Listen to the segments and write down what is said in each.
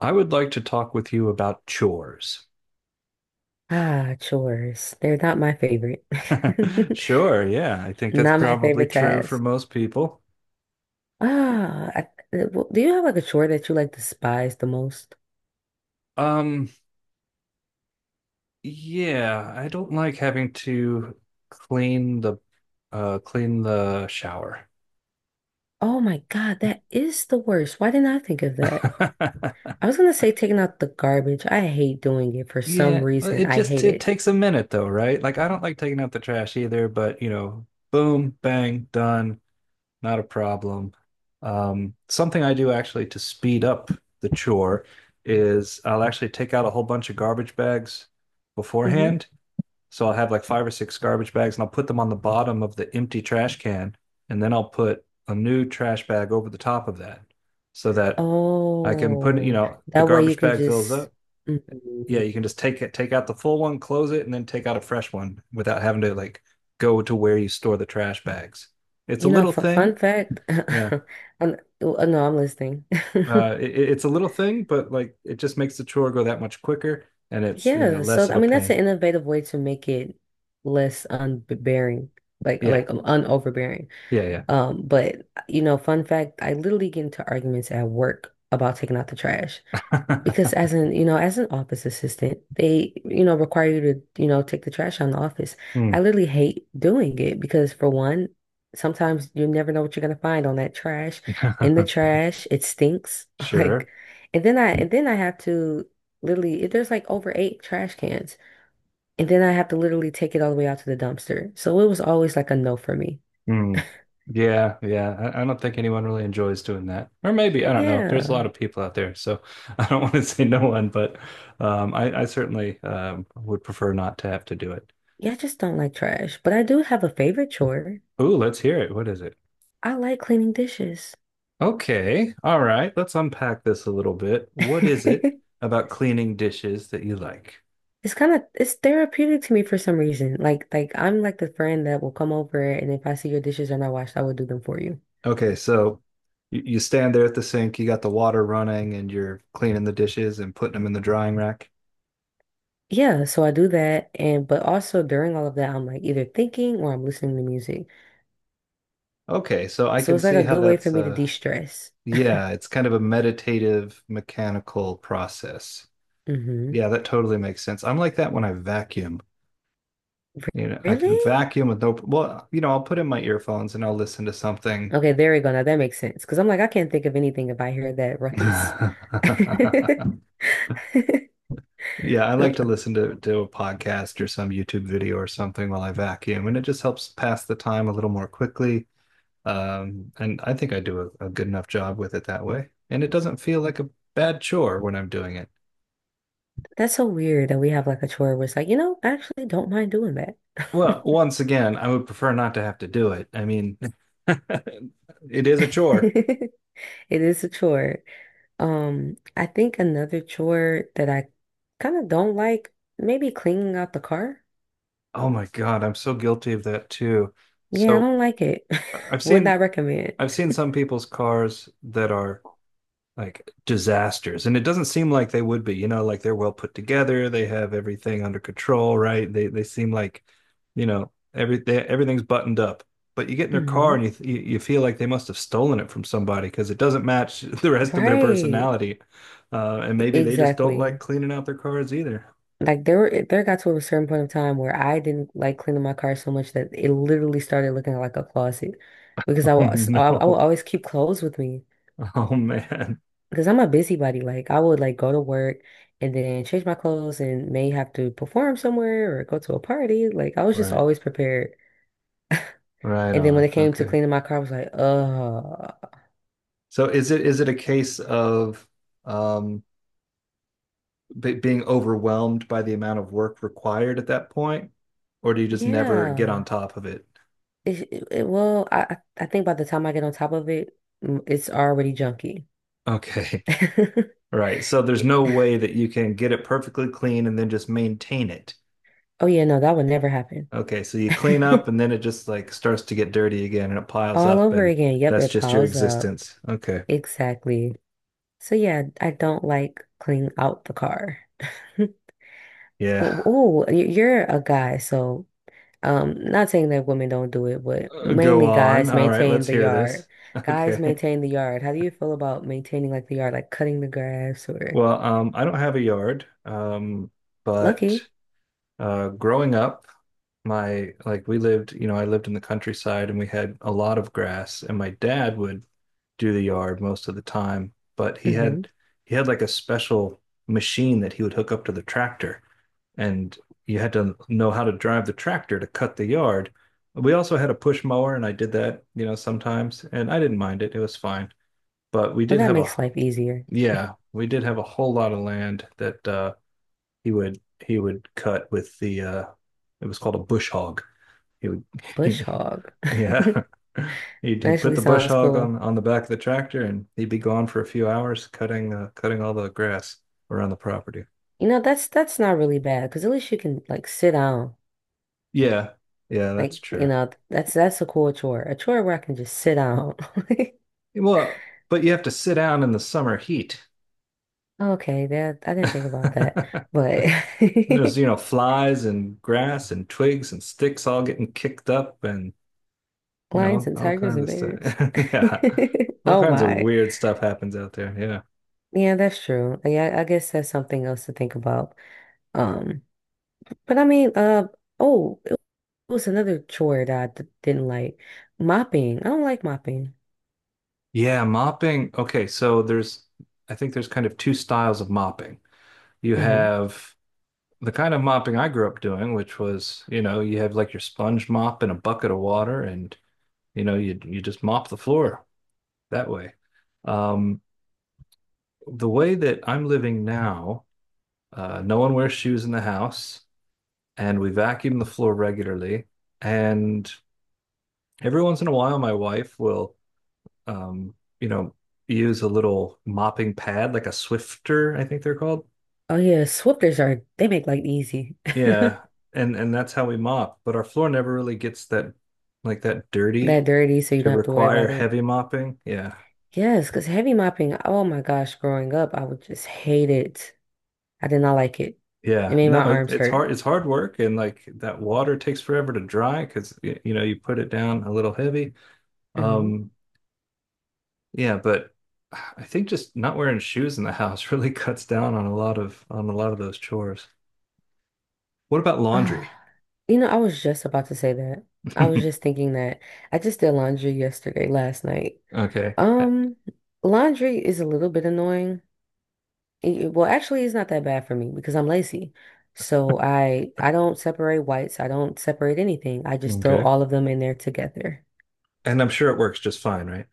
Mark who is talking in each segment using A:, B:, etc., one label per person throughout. A: I would like to talk with you about chores.
B: Ah, chores. They're not my favorite.
A: Sure, yeah, I think that's
B: Not my
A: probably
B: favorite
A: true for
B: task.
A: most people.
B: Ah, I, do you have like a chore that you like despise the most?
A: Um, yeah, I don't like having to clean the clean the shower.
B: Oh my God, that is the worst. Why didn't I think of that? I was gonna say taking out the garbage. I hate doing it for some
A: Yeah,
B: reason.
A: it
B: I
A: just
B: hate
A: it
B: it.
A: takes a minute though, right? Like I don't like taking out the trash either, but boom, bang, done. Not a problem. Something I do actually to speed up the chore is I'll actually take out a whole bunch of garbage bags
B: Hmm
A: beforehand. So I'll have like five or six garbage bags and I'll put them on the bottom of the empty trash can. And then I'll put a new trash bag over the top of that so that I can put, you
B: Oh,
A: know, the
B: that way you
A: garbage
B: can
A: bag fills
B: just.
A: up. Yeah,
B: Mhm.
A: you can just take it, take out the full one, close it, and then take out a fresh one without having to like go to where you store the trash bags. It's a
B: You know,
A: little
B: fun,
A: thing.
B: fun fact.
A: Yeah.
B: Oh no, I'm listening.
A: It's a little thing, but like it just makes the chore go that much quicker and it's, you know,
B: Yeah,
A: less
B: so
A: of
B: I
A: a
B: mean that's
A: pain.
B: an innovative way to make it less unbearing, like
A: Yeah.
B: like um, unoverbearing.
A: Yeah.
B: But you know, fun fact, I literally get into arguments at work about taking out the trash.
A: Yeah.
B: Because as an, you know, as an office assistant, they, you know, require you to, you know, take the trash out of the office.
A: Hmm.
B: I literally hate doing it because for one, sometimes you never know what you're gonna find on that trash. In the trash, it stinks. Like,
A: Sure.
B: and then I have to literally, there's like over eight trash cans, and then I have to literally take it all the way out to the dumpster. So it was always like a no for me.
A: Hmm. Yeah. Yeah. I don't think anyone really enjoys doing that. Or maybe, I don't know. There's a lot
B: Yeah.
A: of people out there. So I don't want to say no one, but I certainly would prefer not to have to do it.
B: Yeah, I just don't like trash. But I do have a favorite chore.
A: Ooh, let's hear it. What is it?
B: I like cleaning dishes.
A: Okay. All right. Let's unpack this a little bit. What is it about cleaning dishes that you like?
B: It's kind of it's therapeutic to me for some reason. Like I'm like the friend that will come over, and if I see your dishes are not washed, I will do them for you.
A: Okay, so you stand there at the sink, you got the water running, and you're cleaning the dishes and putting them in the drying rack.
B: Yeah, so I do that, and but also during all of that I'm like either thinking or I'm listening to music.
A: Okay, so I
B: So
A: can
B: it's like
A: see
B: a
A: how
B: good way for
A: that's
B: me to de-stress.
A: yeah, it's kind of a meditative mechanical process.
B: Hmm
A: Yeah, that totally makes sense. I'm like that when I vacuum. You know, I
B: Really?
A: can vacuum with no, well, you know, I'll put in my earphones and I'll listen to something.
B: Okay, there we go. Now that makes sense. Because I'm like, I can't think of anything if I hear that ruckus. Th-
A: Yeah, I like to listen to a podcast or some YouTube video or something while I vacuum, and it just helps pass the time a little more quickly. And I think I do a good enough job with it that way. And it doesn't feel like a bad chore when I'm doing it.
B: That's so weird that we have like a chore where it's like, you know, I actually don't mind doing that.
A: Well, once again, I would prefer not to have to do it. I mean, it is a chore.
B: It is a chore. I think another chore that I kind of don't like, maybe cleaning out the car.
A: Oh my God, I'm so guilty of that too.
B: Yeah, I
A: So
B: don't like it.
A: I- I've
B: Would
A: seen
B: not recommend.
A: I've seen some people's cars that are like disasters. And it doesn't seem like they would be, you know, like they're well put together, they have everything under control, right? They seem like, you know, everything's buttoned up. But you get in their car
B: Hmm
A: and you feel like they must have stolen it from somebody because it doesn't match the rest of their
B: Right.
A: personality. And maybe they just don't like
B: Exactly.
A: cleaning out their cars either.
B: Like there got to a certain point of time where I didn't like cleaning my car so much that it literally started looking like a closet, because I
A: Oh
B: was I would
A: no.
B: always keep clothes with me
A: Oh man.
B: because I'm a busybody. Like I would like go to work and then change my clothes and may have to perform somewhere or go to a party. Like I was just
A: Right.
B: always prepared.
A: Right
B: And then when
A: on.
B: it came to
A: Okay.
B: cleaning my car, I was like,
A: So is it a case of um being overwhelmed by the amount of work required at that point, or do you just never get on
B: yeah.
A: top of it?
B: Well, I think by the time I get on top of it, it's already junky.
A: Okay. Right. So there's no way that you can get it perfectly clean and then just maintain it.
B: Oh yeah, no, that would never happen.
A: Okay. So you clean up and then it just like starts to get dirty again and it piles
B: All
A: up
B: over
A: and
B: again. Yep,
A: that's
B: it
A: just your
B: piles up.
A: existence. Okay.
B: Exactly. So yeah, I don't like cleaning out the car.
A: Yeah.
B: Oh, you're a guy, so. Not saying that women don't do it, but
A: Go
B: mainly
A: on.
B: guys
A: All right.
B: maintain
A: Let's
B: the
A: hear this.
B: yard. Guys
A: Okay.
B: maintain the yard. How do you feel about maintaining like the yard, like cutting the grass or
A: Well, I don't have a yard, but
B: lucky?
A: growing up, my like we lived, you know, I lived in the countryside and we had a lot of grass and my dad would do the yard most of the time, but
B: Mm-hmm.
A: he had like a special machine that he would hook up to the tractor and you had to know how to drive the tractor to cut the yard. We also had a push mower and I did that, you know, sometimes and I didn't mind it. It was fine. But we
B: Well,
A: did
B: that
A: have
B: makes
A: a
B: life easier.
A: yeah, we did have a whole lot of land that he would he would cut with the it was called a bush hog. he would
B: Bush
A: he,
B: hog.
A: yeah, he'd, put
B: Naturally
A: the bush
B: sounds
A: hog
B: cool.
A: on the back of the tractor and he'd be gone for a few hours cutting cutting all the grass around the property.
B: You know, that's not really bad because at least you can like sit down.
A: Yeah, yeah, that's
B: Like, you
A: true.
B: know, that's a cool chore. A chore where I can just sit down.
A: Well, but you have to sit down in the summer heat.
B: Okay, that I didn't think about that, but
A: And there's you know flies and grass and twigs and sticks all getting kicked up and you
B: lions
A: know
B: and
A: all
B: tigers
A: kinds
B: and
A: of
B: bears.
A: stuff. Yeah, all
B: Oh
A: kinds of
B: my.
A: weird stuff happens out there. Yeah.
B: Yeah, that's true. Yeah, I guess that's something else to think about. Um, but I mean, oh, it was another chore that I d didn't like. Mopping. I don't like mopping.
A: Yeah, mopping. Okay, so there's, I think there's kind of two styles of mopping. You
B: Hmm
A: have the kind of mopping I grew up doing, which was, you know, you have like your sponge mop and a bucket of water, and you know, you just mop the floor that way. Um, the way that I'm living now, no one wears shoes in the house, and we vacuum the floor regularly. And every once in a while, my wife will um, you know, use a little mopping pad, like a Swifter, I think they're called.
B: Oh yeah, sweepers are they make life easy.
A: Yeah, and that's how we mop. But our floor never really gets that that dirty
B: That dirty, so you
A: to
B: don't have to worry
A: require
B: about
A: heavy
B: it.
A: mopping. Yeah.
B: Yes, because heavy mopping, oh my gosh, growing up, I would just hate it. I did not like it. It
A: Yeah.
B: made
A: No,
B: my arms hurt.
A: it's hard work and like that water takes forever to dry because you know, you put it down a little heavy.
B: Mhm.
A: Um yeah, but I think just not wearing shoes in the house really cuts down on a lot of those chores. What about laundry?
B: Ah, you know, I was just about to say that. I was just thinking that I just did laundry yesterday, last night.
A: Okay.
B: Um, laundry is a little bit annoying. Actually, it's not that bad for me because I'm lazy. So I don't separate whites. I don't separate anything. I just throw
A: Okay.
B: all of them in there together.
A: And I'm sure it works just fine, right?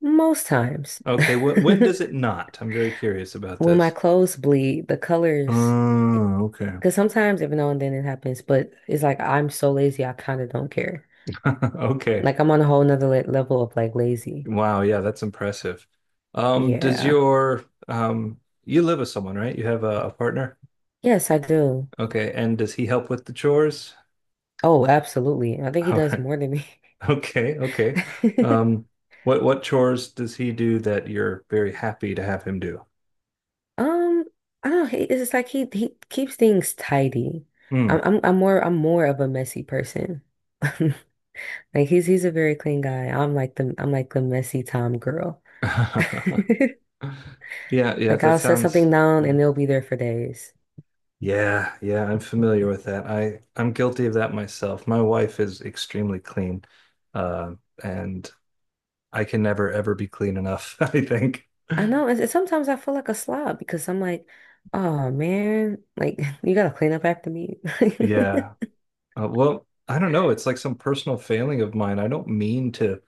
B: Most times.
A: Okay, when does it not? I'm very curious about
B: When my
A: this.
B: clothes bleed, the colors,
A: Oh, okay.
B: because sometimes every now and then it happens, but it's like I'm so lazy, I kind of don't care.
A: Okay.
B: Like I'm on a whole nother le level of like lazy.
A: Wow, yeah, that's impressive. Does
B: Yeah.
A: your you live with someone, right? You have a partner?
B: Yes, I do.
A: Okay, and does he help with the chores?
B: Oh, absolutely. I think he
A: All
B: does
A: right.
B: more than me.
A: Okay, okay. Um, what chores does he do that you're very happy to have him do?
B: Um, I don't. It's just like he keeps things tidy.
A: Hmm.
B: I'm more of a messy person. Like he's a very clean guy. I'm like the messy Tom girl.
A: Yeah, yeah,
B: Like
A: that
B: I'll set
A: sounds
B: something down
A: yeah.
B: and it'll be there for days.
A: Yeah, yeah, I'm familiar with that. I'm guilty of that myself. My wife is extremely clean, uh, and I can never ever be clean enough, I think.
B: I know. And sometimes I feel like a slob because I'm like, oh man, like you gotta clean up after me.
A: Yeah. Well, I don't know. It's like some personal failing of mine. I don't mean to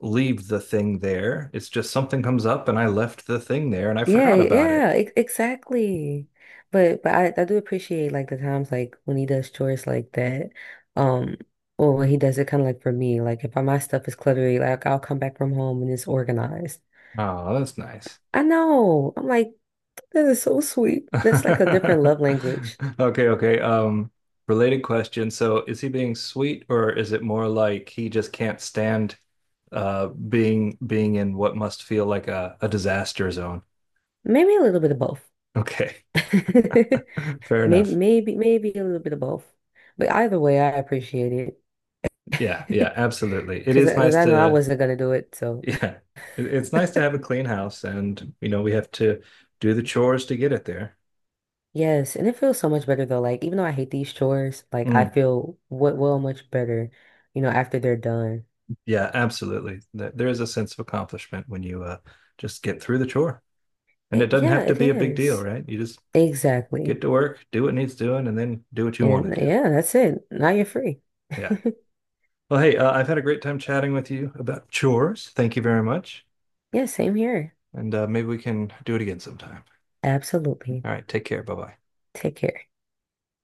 A: leave the thing there. It's just something comes up and I left the thing there and I
B: Yeah,
A: forgot about it.
B: yeah, ex exactly. But I do appreciate like the times like when he does chores like that. Um or when he does it kind of like for me, like if my stuff is cluttery, like I'll come back from home and it's organized.
A: Oh, that's nice.
B: I know. I'm like, that is so sweet. That's like a different love
A: Okay,
B: language.
A: okay. Related question. So is he being sweet or is it more like he just can't stand being in what must feel like a disaster zone?
B: Maybe a little bit of both.
A: Okay. Fair
B: Maybe
A: enough.
B: maybe maybe a little bit of both. But either way, I appreciate
A: Yeah, yeah,
B: it.
A: absolutely. It
B: Cause,
A: is
B: cause
A: nice
B: I know I
A: to
B: wasn't gonna do it, so.
A: yeah. It's nice to have a clean house and you know we have to do the chores to get it there.
B: Yes, and it feels so much better though. Like even though I hate these chores, like I
A: Mm,
B: feel what well much better, you know, after they're done.
A: yeah, absolutely. There is a sense of accomplishment when you just get through the chore. And it
B: It,
A: doesn't
B: yeah,
A: have to
B: it
A: be a big deal,
B: is.
A: right? You just
B: Exactly.
A: get to work, do what needs doing, and then do what you want to
B: And
A: do.
B: yeah, that's it. Now you're free.
A: Yeah. Well, hey, I've had a great time chatting with you about chores. Thank you very much.
B: Yeah, same here.
A: And maybe we can do it again sometime.
B: Absolutely.
A: All right. Take care. Bye bye.
B: Take care.